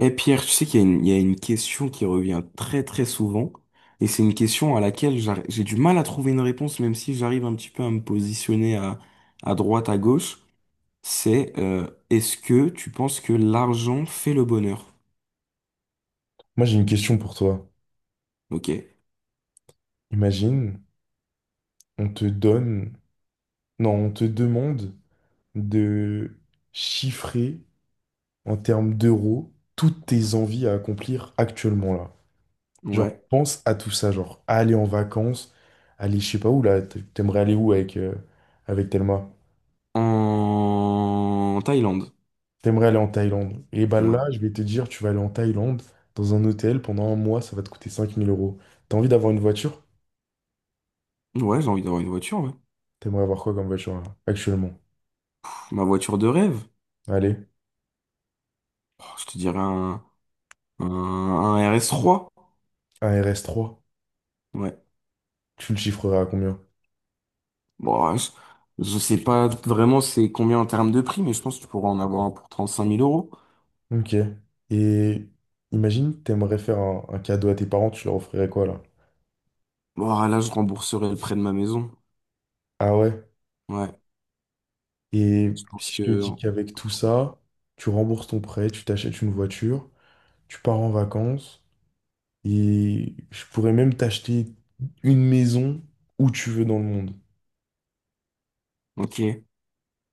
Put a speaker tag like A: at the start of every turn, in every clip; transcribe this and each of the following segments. A: Et Pierre, tu sais qu'il y a une, il y a une question qui revient très très souvent, et c'est une question à laquelle j'ai du mal à trouver une réponse, même si j'arrive un petit peu à me positionner à droite, à gauche. C'est Est-ce que tu penses que l'argent fait le bonheur?
B: Moi, j'ai une question pour toi.
A: Ok.
B: Imagine, on te donne, non, on te demande de chiffrer en termes d'euros toutes tes envies à accomplir actuellement là. Genre,
A: Ouais.
B: pense à tout ça, genre aller en vacances, aller je sais pas où là, t'aimerais aller où avec Thelma?
A: En Thaïlande.
B: T'aimerais aller en Thaïlande. Et bah
A: Ouais.
B: là, je vais te dire, tu vas aller en Thaïlande dans un hôtel pendant un mois, ça va te coûter 5000 euros. T'as envie d'avoir une voiture?
A: Ouais, j'ai envie d'avoir une voiture, ouais.
B: T'aimerais avoir quoi comme voiture là, actuellement?
A: Pff, ma voiture de rêve.
B: Allez,
A: Oh, je te dirais un RS3.
B: un RS3.
A: Ouais.
B: Tu le chiffrerais à combien?
A: Bon, je sais pas vraiment c'est combien en termes de prix, mais je pense que tu pourras en avoir un pour trente cinq mille euros.
B: Ok. Et imagine, t'aimerais faire un cadeau à tes parents, tu leur offrirais quoi là?
A: Bon, là, je rembourserai le prêt de ma maison.
B: Ah ouais.
A: Ouais,
B: Et
A: je pense
B: si je te
A: que...
B: dis qu'avec tout ça, tu rembourses ton prêt, tu t'achètes une voiture, tu pars en vacances, et je pourrais même t'acheter une maison où tu veux dans le monde.
A: Ok,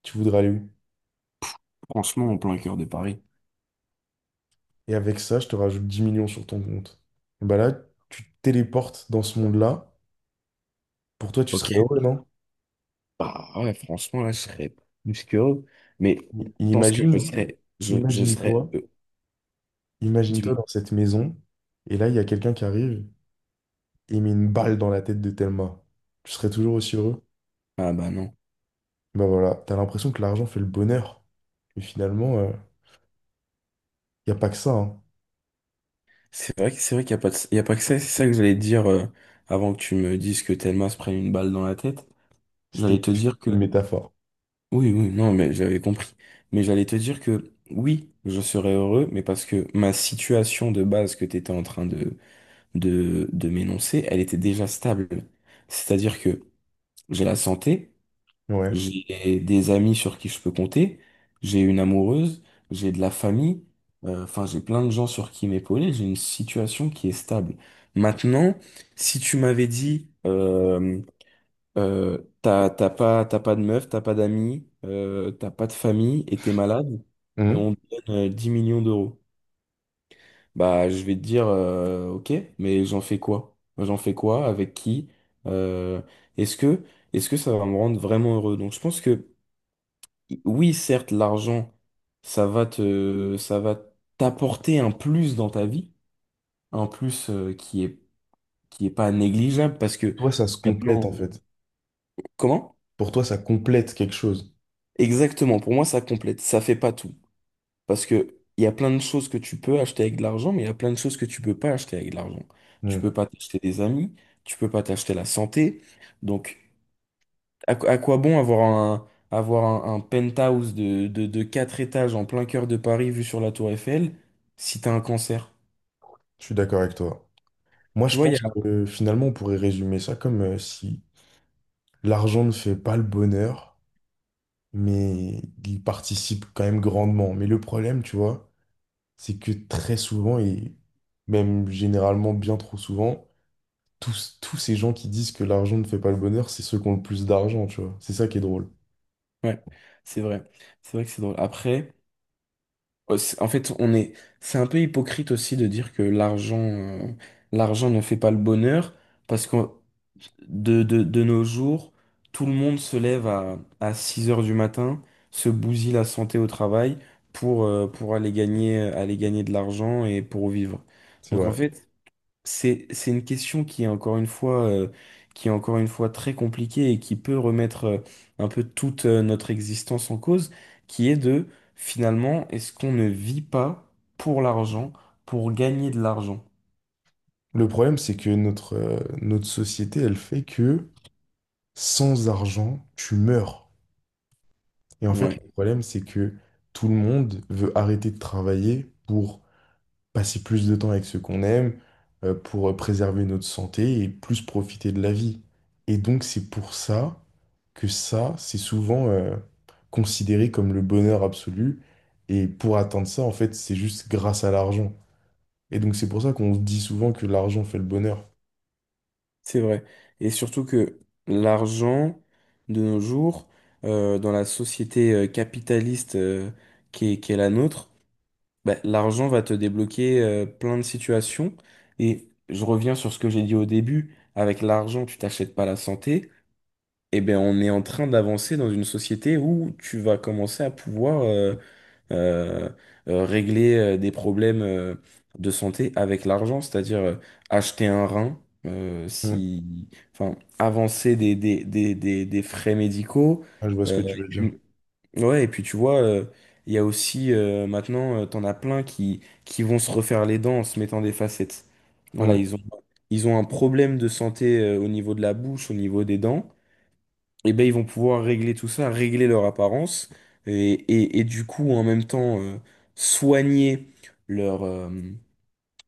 B: Tu voudrais aller où?
A: franchement, en plein cœur de Paris.
B: Et avec ça, je te rajoute 10 millions sur ton compte. Bah là, tu te téléportes dans ce monde-là. Pour toi, tu
A: Ok.
B: serais heureux, non?
A: Bah ouais, franchement, là, je serais plus que heureux. Mais je
B: I-
A: pense que je
B: Imagine,
A: serais... je
B: imagine-toi.
A: serais...
B: Imagine-toi
A: dis-moi.
B: dans cette maison, et là, il y a quelqu'un qui arrive et met une balle dans la tête de Thelma. Tu serais toujours aussi heureux?
A: Ah bah non.
B: Bah voilà, t'as l'impression que l'argent fait le bonheur. Mais finalement, il n'y a pas que ça, hein.
A: C'est vrai, c'est vrai qu'il n'y a pas de- il y a pas que ça. C'est ça que j'allais te dire avant que tu me dises que Telma se prenne une balle dans la tête.
B: C'était
A: J'allais te dire que...
B: une métaphore.
A: Oui, oui, non, mais j'avais compris. Mais j'allais te dire que oui, je serais heureux, mais parce que ma situation de base que tu étais en train de, de m'énoncer, elle était déjà stable. C'est-à-dire que j'ai la santé,
B: Ouais.
A: j'ai des amis sur qui je peux compter, j'ai une amoureuse, j'ai de la famille, enfin, j'ai plein de gens sur qui m'épauler, j'ai une situation qui est stable. Maintenant, si tu m'avais dit, t'as pas de meuf, t'as pas d'amis, t'as pas de famille et t'es malade, et
B: Mhm.
A: on te donne 10 millions d'euros. Bah, je vais te dire, ok, mais j'en fais quoi? J'en fais quoi? Avec qui? Euh, est-ce que, est-ce que ça va me rendre vraiment heureux? Donc, je pense que, oui, certes, l'argent, ça va t'apporter un plus dans ta vie, un plus, qui est pas négligeable parce
B: Pour
A: que
B: toi, ça se
A: maintenant,
B: complète en fait.
A: comment?
B: Pour toi, ça complète quelque chose.
A: Exactement, pour moi, ça complète, ça fait pas tout. Parce que il y a plein de choses que tu peux acheter avec de l'argent, mais il y a plein de choses que tu peux pas acheter avec de l'argent. Tu
B: Mhm.
A: peux pas t'acheter des amis, tu peux pas t'acheter la santé. Donc, quoi à quoi bon avoir un, un penthouse de, de 4 étages en plein cœur de Paris vu sur la tour Eiffel si t'as un cancer?
B: Je suis d'accord avec toi. Moi,
A: Tu
B: je
A: vois, il y a...
B: pense que finalement, on pourrait résumer ça comme si l'argent ne fait pas le bonheur, mais il participe quand même grandement. Mais le problème, tu vois, c'est que très souvent, et même généralement bien trop souvent, tous ces gens qui disent que l'argent ne fait pas le bonheur, c'est ceux qui ont le plus d'argent, tu vois. C'est ça qui est drôle.
A: Ouais, c'est vrai. C'est vrai que c'est drôle. Après... En fait, c'est un peu hypocrite aussi de dire que l'argent, l'argent ne fait pas le bonheur, parce que de nos jours, tout le monde se lève à 6 heures du matin, se bousille la santé au travail pour aller gagner de l'argent et pour vivre.
B: C'est
A: Donc en
B: vrai.
A: fait, c'est une question qui est encore une fois, qui est encore une fois très compliquée et qui peut remettre un peu toute notre existence en cause, qui est de finalement, est-ce qu'on ne vit pas pour l'argent, pour gagner de l'argent?
B: Le problème, c'est que notre société, elle fait que sans argent, tu meurs. Et en fait,
A: Ouais,
B: le problème, c'est que tout le monde veut arrêter de travailler pour passer plus de temps avec ceux qu'on aime, pour préserver notre santé et plus profiter de la vie. Et donc, c'est pour ça que ça, c'est souvent considéré comme le bonheur absolu. Et pour atteindre ça, en fait, c'est juste grâce à l'argent. Et donc, c'est pour ça qu'on dit souvent que l'argent fait le bonheur.
A: c'est vrai. Et surtout que l'argent, de nos jours, dans la société capitaliste qui est la nôtre, bah, l'argent va te débloquer plein de situations. Et je reviens sur ce que j'ai dit au début. Avec l'argent, tu t'achètes pas la santé. Eh ben, on est en train d'avancer dans une société où tu vas commencer à pouvoir euh, régler des problèmes de santé avec l'argent, c'est-à-dire acheter un rein,
B: Mm.
A: si, enfin, avancer des, des frais médicaux.
B: Ah, je vois ce que
A: euh,
B: tu veux dire.
A: Ouais, et puis tu vois, il y a aussi maintenant, t'en as plein qui vont se refaire les dents en se mettant des facettes. Voilà,
B: Mm.
A: ils ont un problème de santé au niveau de la bouche, au niveau des dents. Et ben ils vont pouvoir régler tout ça, régler leur apparence, et, et du coup, en même temps, soigner leur, euh,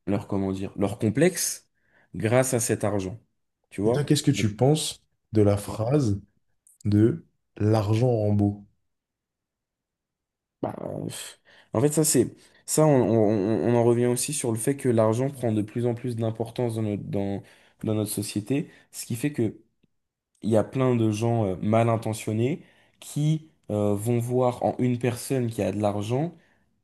A: leur, comment dire, leur complexe grâce à cet argent. Tu
B: Et toi,
A: vois?
B: qu'est-ce que tu penses de la phrase de l'argent rend beau?
A: Bah, pff, en fait, ça, on en revient aussi sur le fait que l'argent prend de plus en plus d'importance dans notre, dans notre société, ce qui fait que il y a plein de gens mal intentionnés qui vont voir en une personne qui a de l'argent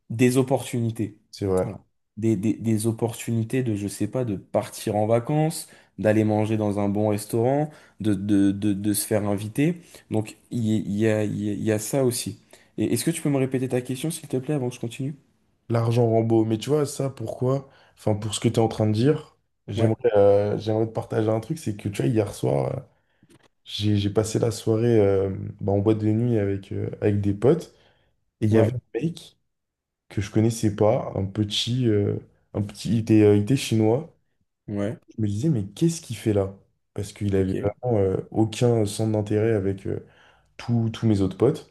A: des opportunités.
B: C'est vrai.
A: Voilà. Des opportunités de, je sais pas, de partir en vacances, d'aller manger dans un bon restaurant, de se faire inviter. Donc, il y a ça aussi. Et est-ce que tu peux me répéter ta question, s'il te plaît, avant que je continue?
B: L'argent rend beau. Mais tu vois, ça, pourquoi? Enfin, pour ce que tu es en train de dire,
A: Ouais,
B: j'aimerais te partager un truc. C'est que, tu vois, hier soir, j'ai passé la soirée bah, en boîte de nuit avec des potes. Et il y
A: ouais,
B: avait un mec que je connaissais pas, un petit, il était chinois.
A: ouais.
B: Je me disais, mais qu'est-ce qu'il fait là? Parce qu'il avait
A: Ok,
B: vraiment aucun centre d'intérêt avec tous mes autres potes.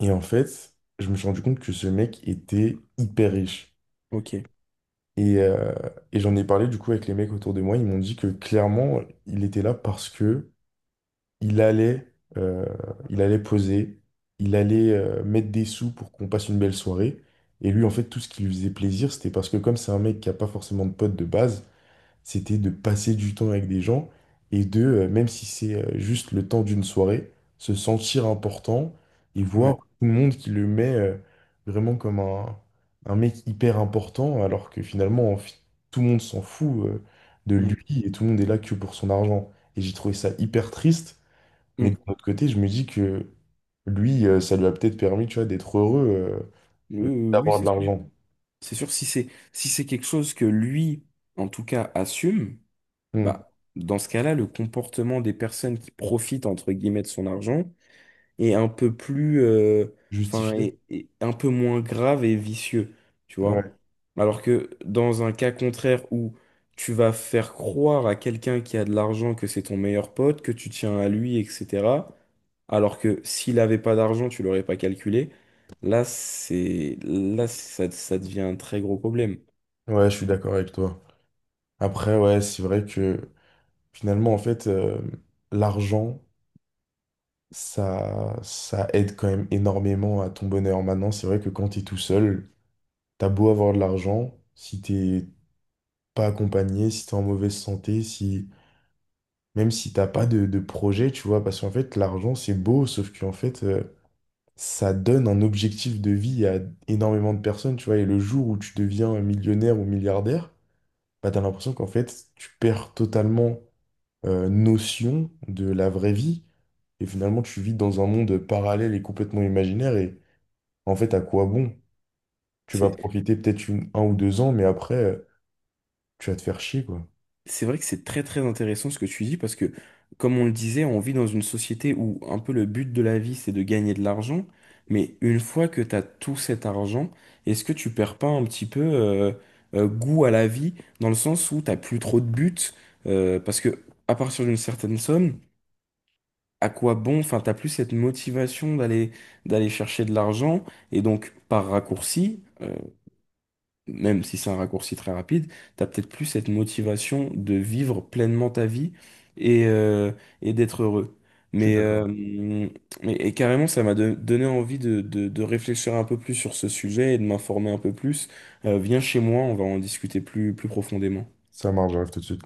B: Et en fait, je me suis rendu compte que ce mec était hyper riche.
A: ok,
B: Et, euh, et j'en ai parlé du coup avec les mecs autour de moi. Ils m'ont dit que clairement, il était là parce que il allait, euh, il allait poser, il allait mettre des sous pour qu'on passe une belle soirée. Et lui, en fait, tout ce qui lui faisait plaisir, c'était parce que comme c'est un mec qui a pas forcément de potes de base, c'était de passer du temps avec des gens et même si c'est juste le temps d'une soirée, se sentir important et
A: ouais.
B: voir tout le monde qui le met vraiment comme un mec hyper important, alors que finalement, tout le monde s'en fout de lui
A: Mm,
B: et tout le monde est là que pour son argent. Et j'ai trouvé ça hyper triste. Mais de
A: mm.
B: l'autre côté, je me dis que lui, ça lui a peut-être permis, tu vois, d'être heureux,
A: Oui, oui, oui, oui,
B: d'avoir de
A: c'est sûr.
B: l'argent.
A: C'est sûr, si c'est quelque chose que lui, en tout cas, assume,
B: Hmm.
A: bah, dans ce cas-là, le comportement des personnes qui profitent, entre guillemets, de son argent, et un peu plus, euh, enfin,
B: Justifié.
A: et un peu moins grave et vicieux, tu
B: Ouais.
A: vois. Alors que dans un cas contraire où tu vas faire croire à quelqu'un qui a de l'argent que c'est ton meilleur pote, que tu tiens à lui, etc. Alors que s'il n'avait pas d'argent, tu l'aurais pas calculé. Là, ça devient un très gros problème.
B: Ouais, je suis d'accord avec toi. Après, ouais, c'est vrai que finalement, en fait, l'argent, ça aide quand même énormément à ton bonheur. Maintenant, c'est vrai que quand t'es tout seul, t'as beau avoir de l'argent, si t'es pas accompagné, si t'es en mauvaise santé, si même si t'as pas de projet, tu vois, parce qu'en fait, l'argent, c'est beau, sauf qu'en fait, ça donne un objectif de vie à énormément de personnes, tu vois. Et le jour où tu deviens millionnaire ou milliardaire, bah, t'as l'impression qu'en fait, tu perds totalement notion de la vraie vie. Et finalement, tu vis dans un monde parallèle et complètement imaginaire. Et en fait, à quoi bon? Tu vas
A: C'est
B: profiter peut-être un ou deux ans, mais après, tu vas te faire chier, quoi.
A: C'est vrai que c'est très très intéressant ce que tu dis parce que, comme on le disait, on vit dans une société où un peu le but de la vie c'est de gagner de l'argent, mais une fois que tu as tout cet argent, est-ce que tu perds pas un petit peu goût à la vie dans le sens où t'as plus trop de but parce que à partir d'une certaine somme, à quoi bon, enfin t'as plus cette motivation d'aller chercher de l'argent et donc par raccourci, même si c'est un raccourci très rapide, t'as peut-être plus cette motivation de vivre pleinement ta vie et, euh, et d'être heureux.
B: Je suis
A: Mais, euh,
B: d'accord.
A: et carrément, ça m'a donné envie de, de réfléchir un peu plus sur ce sujet et de m'informer un peu plus. Viens chez moi, on va en discuter plus, plus profondément.
B: Ça marche, j'arrive tout de suite.